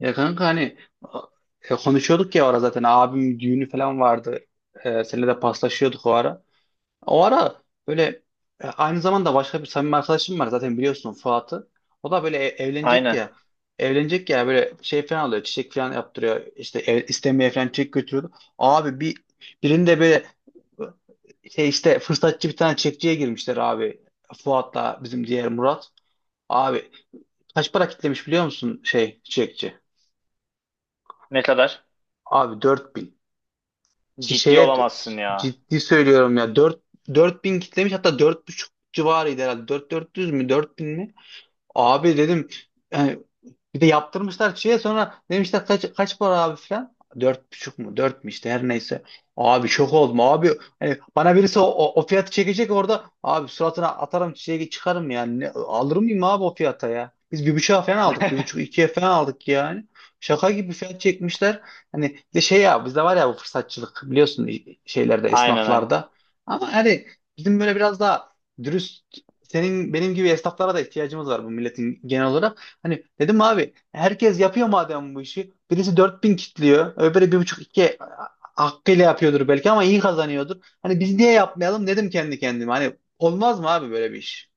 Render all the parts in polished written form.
Ya kanka hani, konuşuyorduk ya o ara zaten abim düğünü falan vardı. Seninle de paslaşıyorduk o ara. O ara böyle, aynı zamanda başka bir samimi arkadaşım var, zaten biliyorsun Fuat'ı. O da böyle evlenecek Aynen. ya. Evlenecek ya, böyle şey falan alıyor, çiçek falan yaptırıyor. İşte ev istemeye falan çiçek götürüyordu. Abi, birinde böyle şey işte fırsatçı bir tane çekçiye girmişler abi. Fuat'la bizim diğer Murat. Abi, kaç para kitlemiş biliyor musun şey çiçekçi? Ne kadar? Abi 4.000. Ciddi Şeye, olamazsın ya. ciddi söylüyorum ya, dört bin kitlemiş, hatta dört buçuk civarıydı herhalde. 4.000, dört 400 mü, 4.000 mi? Abi dedim, yani bir de yaptırmışlar şeye, sonra demişler kaç para abi falan. Dört buçuk mu? Dört mü? İşte her neyse. Abi, şok oldum abi. Hani bana birisi o fiyatı çekecek orada. Abi, suratına atarım çiçeği, çıkarım yani. Ne, alır mıyım abi o fiyata ya? Biz bir buçuğa falan aldık. Bir buçuk ikiye falan aldık yani. Şaka gibi fiyat çekmişler. Hani bir de şey ya, bizde var ya bu fırsatçılık, biliyorsun, şeylerde, Aynen, aynen. esnaflarda. Ama hani bizim böyle biraz daha dürüst, senin benim gibi esnaflara da ihtiyacımız var bu milletin, genel olarak. Hani dedim abi, herkes yapıyor madem bu işi. Birisi 4.000 kitliyor. Öbürü 1,5-2, hakkıyla yapıyordur belki ama iyi kazanıyordur. Hani biz niye yapmayalım dedim kendi kendime. Hani olmaz mı abi böyle bir iş?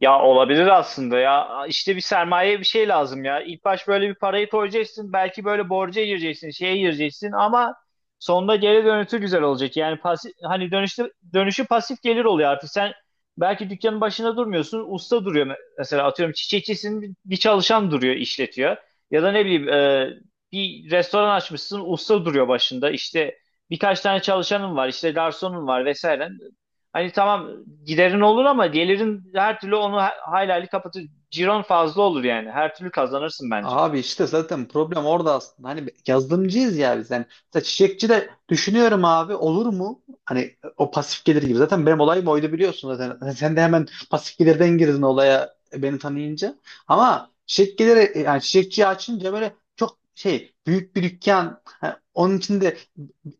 Ya olabilir aslında ya. İşte bir sermaye bir şey lazım ya. İlk baş böyle bir parayı koyacaksın. Belki böyle borca gireceksin, şeye gireceksin ama sonunda geri dönüşü güzel olacak. Yani pasif, hani dönüşü pasif gelir oluyor artık. Sen belki dükkanın başında durmuyorsun. Usta duruyor, mesela atıyorum çiçekçisinin bir çalışan duruyor, işletiyor. Ya da ne bileyim bir restoran açmışsın. Usta duruyor başında. İşte birkaç tane çalışanın var, işte garsonun var vesaire. Hani tamam giderin olur ama gelirin her türlü onu hayli hayli kapatır. Ciron fazla olur yani. Her türlü kazanırsın bence. Abi işte zaten problem orada aslında. Hani yazılımcıyız ya biz. Yani mesela çiçekçi de düşünüyorum abi, olur mu? Hani o pasif gelir gibi. Zaten benim olayım oydu, biliyorsun zaten. Hani sen de hemen pasif gelirden girdin olaya, beni tanıyınca. Ama çiçek geliri, yani çiçekçiyi açınca böyle çok şey, büyük bir dükkan. Ha, onun içinde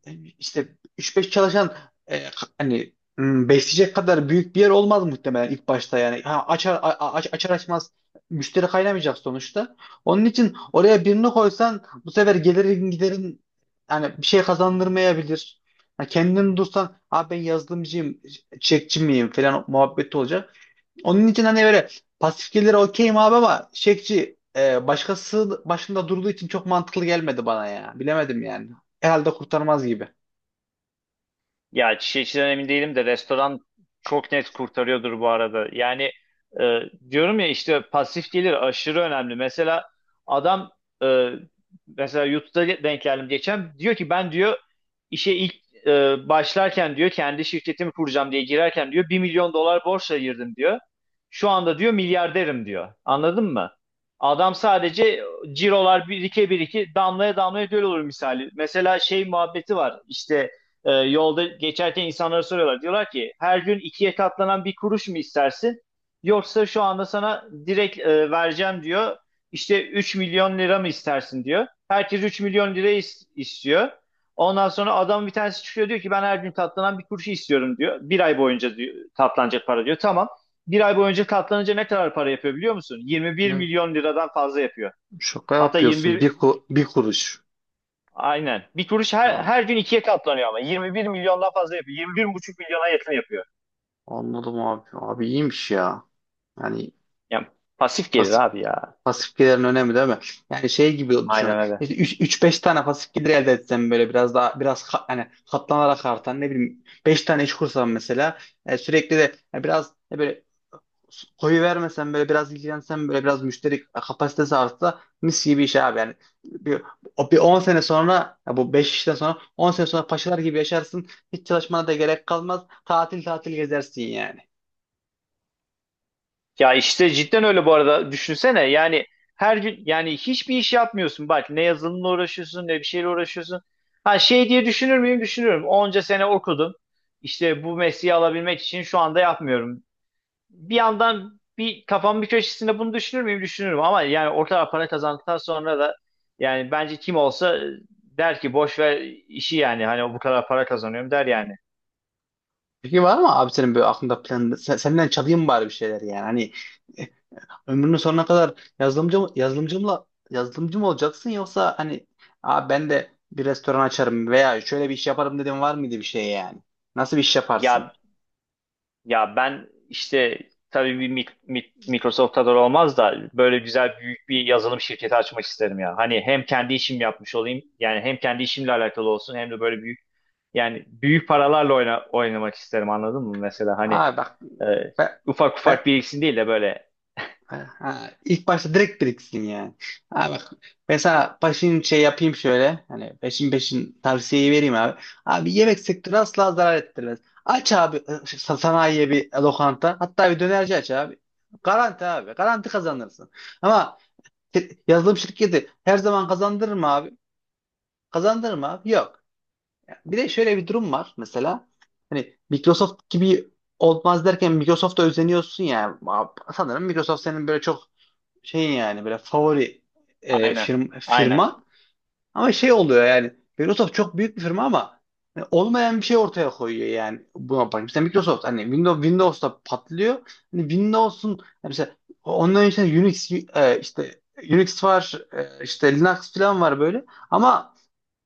e, işte üç beş çalışan e, hani besleyecek kadar büyük bir yer olmaz muhtemelen ilk başta yani. Ha, açar açmaz müşteri kaynamayacak sonuçta. Onun için oraya birini koysan bu sefer gelirin giderin, yani bir şey kazandırmayabilir. Ha, kendini dursan abi ben yazılımcıyım, çekçi miyim falan muhabbeti olacak. Onun için hani böyle pasif gelire okeyim abi, ama çekçi başkası başında durduğu için çok mantıklı gelmedi bana ya. Bilemedim yani. Herhalde kurtarmaz gibi. Ya çiçeği içinden emin değilim de restoran çok net kurtarıyordur bu arada. Yani e, diyorum ya işte pasif gelir aşırı önemli. Mesela adam, e, mesela YouTube'da denk geldim geçen, diyor ki ben diyor işe ilk başlarken diyor kendi şirketimi kuracağım diye girerken diyor 1 milyon dolar borçla girdim diyor. Şu anda diyor milyarderim diyor. Anladın mı? Adam sadece cirolar birike birike damlaya damlaya göl olur misali. Mesela şey muhabbeti var işte, yolda geçerken insanlara soruyorlar. Diyorlar ki her gün ikiye katlanan 1 kuruş mu istersin? Yoksa şu anda sana direkt vereceğim diyor. İşte 3 milyon lira mı istersin diyor. Herkes 3 milyon lira istiyor. Ondan sonra adam bir tanesi çıkıyor diyor ki ben her gün katlanan 1 kuruşu istiyorum diyor. Bir ay boyunca diyor, katlanacak para diyor. Tamam. Bir ay boyunca katlanınca ne kadar para yapıyor biliyor musun? 21 Ne? milyon liradan fazla yapıyor. Şaka Hatta yapıyorsun. 21. Bir kuruş. Aynen. Bir kuruş her, Abi, her gün ikiye katlanıyor ama. 21 milyondan fazla yapıyor. 21,5 milyona yakın yapıyor. anladım abi. Abi iyiymiş ya. Yani, Yani pasif gelir abi ya. pasif gelirin önemli değil mi? Yani şey gibi düşünün. Aynen öyle. İşte 3-5 tane pasif gelir elde etsem, böyle biraz daha biraz hani katlanarak artan ne bileyim 5 tane iş kursam mesela, sürekli de biraz böyle koyu vermesem, böyle biraz ilgilensem, böyle biraz müşteri kapasitesi artsa, mis gibi iş abi yani. Bir, bir 10 sene sonra ya, bu 5 işten sonra, 10 sene sonra paşalar gibi yaşarsın. Hiç çalışmana da gerek kalmaz. Tatil tatil gezersin yani. Ya işte cidden öyle bu arada. Düşünsene yani her gün yani hiçbir iş yapmıyorsun. Bak ne yazılımla uğraşıyorsun ne bir şeyle uğraşıyorsun. Ha şey diye düşünür müyüm? Düşünürüm. Onca sene okudum. İşte bu mesleği alabilmek için şu anda yapmıyorum. Bir yandan bir kafamın bir köşesinde bunu düşünür müyüm? Düşünürüm ama yani orta para kazandıktan sonra da yani bence kim olsa der ki boş ver işi yani, hani bu kadar para kazanıyorum der yani. Peki, var mı abi senin böyle aklında plan? Senden çalayım bari bir şeyler yani. Hani ömrünün sonuna kadar yazılımcı mı olacaksın, yoksa hani, aa, ben de bir restoran açarım veya şöyle bir iş yaparım dedim, var mıydı bir şey yani? Nasıl bir iş yaparsın? Ya ya ben işte tabii bir Microsoft kadar olmaz da böyle güzel büyük bir yazılım şirketi açmak isterim ya. Hani hem kendi işim yapmış olayım yani, hem kendi işimle alakalı olsun, hem de böyle büyük, yani büyük paralarla oynamak isterim, anladın mı mesela? Hani, Aa bak, e, ben, ufak ben ufak biriksin değil de böyle. ha, ilk başta direkt biriksin yani. Aa bak, ben sana peşin şey yapayım, şöyle hani peşin peşin tavsiyeyi vereyim abi. Abi, yemek sektörü asla zarar ettirmez. Aç abi, sanayiye bir lokanta, hatta bir dönerci aç abi. Garanti abi, garanti kazanırsın. Ama, yazılım şirketi her zaman kazandırır mı abi? Kazandırır mı abi? Yok. Bir de şöyle bir durum var mesela. Hani Microsoft gibi olmaz derken Microsoft'a özeniyorsun ya. Sanırım Microsoft senin böyle çok şeyin, yani böyle favori Aynen, aynen. firma. Ama şey oluyor yani, Microsoft çok büyük bir firma ama hani olmayan bir şey ortaya koyuyor, yani buna bak. Mesela Microsoft hani Windows'ta patlıyor. Hani Windows'un, hani mesela onların içinde Unix, işte Unix var, işte Linux falan var böyle. Ama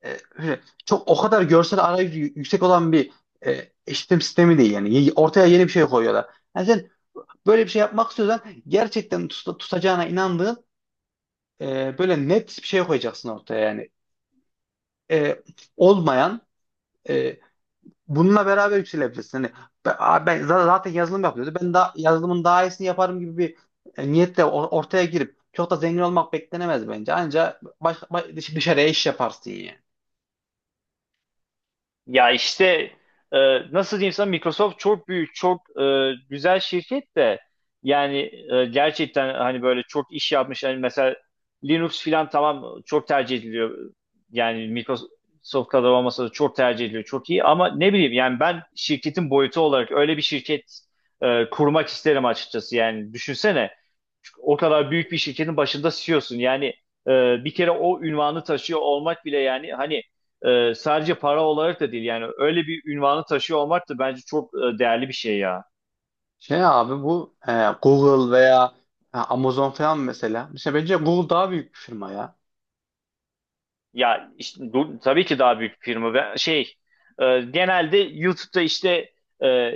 öyle çok o kadar görsel arayüzü yüksek olan bir işletim sistemi değil yani. Ortaya yeni bir şey koyuyorlar. Yani sen böyle bir şey yapmak istiyorsan, gerçekten tutacağına inandığın, böyle net bir şey koyacaksın ortaya, yani, e, olmayan, e, bununla beraber yükselebilirsin. Hani ben, ben zaten yazılım yapıyordu. Ben daha yazılımın daha iyisini yaparım gibi bir niyetle ortaya girip çok da zengin olmak beklenemez bence. Anca dışarıya iş yaparsın yani. Ya işte, e, nasıl diyeyim sana, Microsoft çok büyük, çok güzel şirket de, yani gerçekten hani böyle çok iş yapmış. Hani mesela Linux filan tamam çok tercih ediliyor. Yani Microsoft kadar olmasa da çok tercih ediliyor. Çok iyi ama ne bileyim yani, ben şirketin boyutu olarak öyle bir şirket kurmak isterim açıkçası. Yani düşünsene o kadar büyük bir şirketin başında CEO'sun. Yani e, bir kere o ünvanı taşıyor olmak bile, yani hani sadece para olarak da değil, yani öyle bir ünvanı taşıyor olmak da bence çok değerli bir şey ya. Şey abi, bu Google veya Amazon falan mesela. Mesela bence Google daha büyük bir firma ya. Ya işte, tabii ki daha büyük firma. Ben şey, genelde YouTube'da işte, e,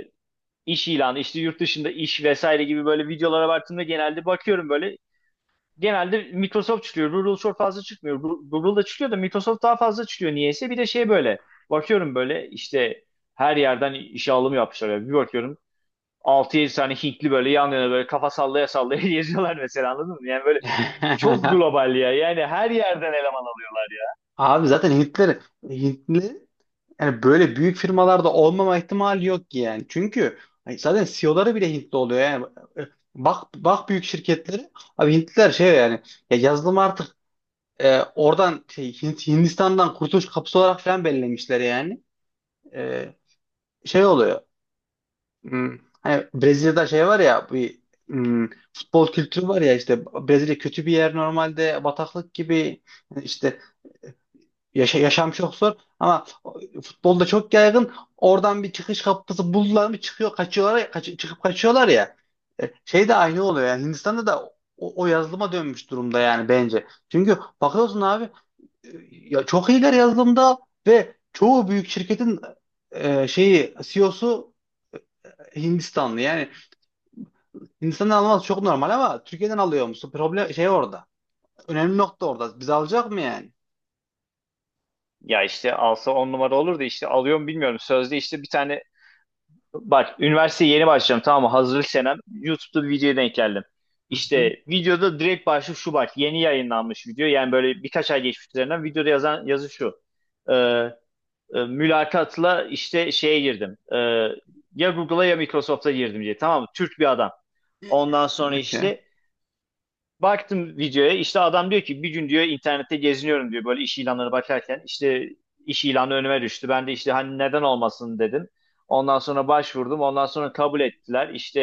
iş ilanı işte, yurt dışında iş vesaire gibi böyle videolara baktığımda genelde bakıyorum, böyle genelde Microsoft çıkıyor. Google çok fazla çıkmıyor. Google da çıkıyor da Microsoft daha fazla çıkıyor niyeyse. Bir de şey, böyle bakıyorum böyle işte her yerden işe alım yapmışlar. Yani bir bakıyorum 6-7 tane Hintli böyle yan yana, böyle kafa sallaya sallaya geziyorlar mesela, anladın mı? Yani böyle çok global ya. Yani her yerden eleman alıyorlar ya. Abi zaten Hintli, yani böyle büyük firmalarda olmama ihtimali yok ki yani. Çünkü hani zaten CEO'ları bile Hintli oluyor yani. E, Bak bak, büyük şirketleri. Abi Hintliler şey yani, ya yazılım artık oradan şey, Hindistan'dan kurtuluş kapısı olarak falan belirlemişler yani. E, Şey oluyor. Hani Brezilya'da şey var ya, bir futbol kültürü var ya işte, Brezilya kötü bir yer normalde, bataklık gibi. Yani işte yaşam çok zor, ama futbolda çok yaygın. Oradan bir çıkış kapısı buldular mı çıkıyor kaçıyorlar ya, çıkıp kaçıyorlar ya. Şey de aynı oluyor yani, Hindistan'da da o yazılıma dönmüş durumda yani bence. Çünkü bakıyorsun abi, ya çok iyiler yazılımda, ve çoğu büyük şirketin şeyi, CEO'su Hindistanlı. Yani Hindistan'dan alması çok normal, ama Türkiye'den alıyor musun? Problem şey orada. Önemli nokta orada. Biz alacak mı yani? Ya işte alsa 10 numara olur da, işte alıyor mu bilmiyorum. Sözde işte bir tane, bak üniversiteye yeni başlayacağım tamam mı? Hazırlık senem. YouTube'da bir videoya denk geldim. Hı hı. İşte videoda direkt başlık şu bak. Yeni yayınlanmış video. Yani böyle birkaç ay geçmiş üzerinden, videoda yazan yazı şu. Ee, mülakatla işte şeye girdim. Ya Google'a ya Microsoft'a girdim diye. Tamam mı? Türk bir adam. Ondan sonra Okey. işte baktım videoya, işte adam diyor ki bir gün diyor internette geziniyorum diyor, böyle iş ilanları bakarken işte iş ilanı önüme düştü. Ben de işte hani neden olmasın dedim. Ondan sonra başvurdum. Ondan sonra kabul ettiler. İşte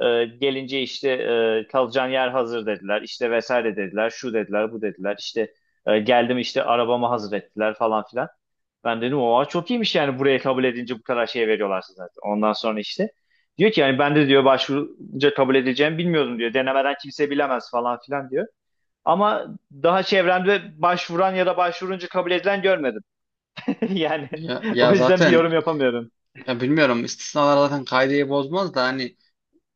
gelince işte kalacağın yer hazır dediler. İşte vesaire dediler. Şu dediler, bu dediler. İşte geldim, işte arabamı hazır ettiler falan filan. Ben dedim oha çok iyiymiş yani, buraya kabul edince bu kadar şey veriyorlar size zaten. Ondan sonra işte diyor ki yani, ben de diyor başvurunca kabul edeceğimi bilmiyordum diyor. Denemeden kimse bilemez falan filan diyor. Ama daha çevremde başvuran ya da başvurunca kabul edilen görmedim. Yani Ya, o ya yüzden bir zaten, yorum yapamıyorum. ya, bilmiyorum, istisnalar zaten kaideyi bozmaz da, hani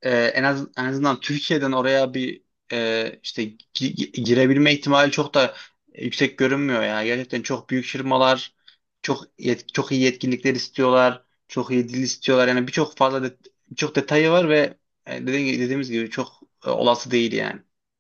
en azından Türkiye'den oraya bir işte girebilme ihtimali çok da yüksek görünmüyor ya. Gerçekten çok büyük firmalar, çok çok iyi yetkinlikler istiyorlar, çok iyi dil istiyorlar. Yani birçok detayı var, ve dediğimiz gibi çok olası değil yani.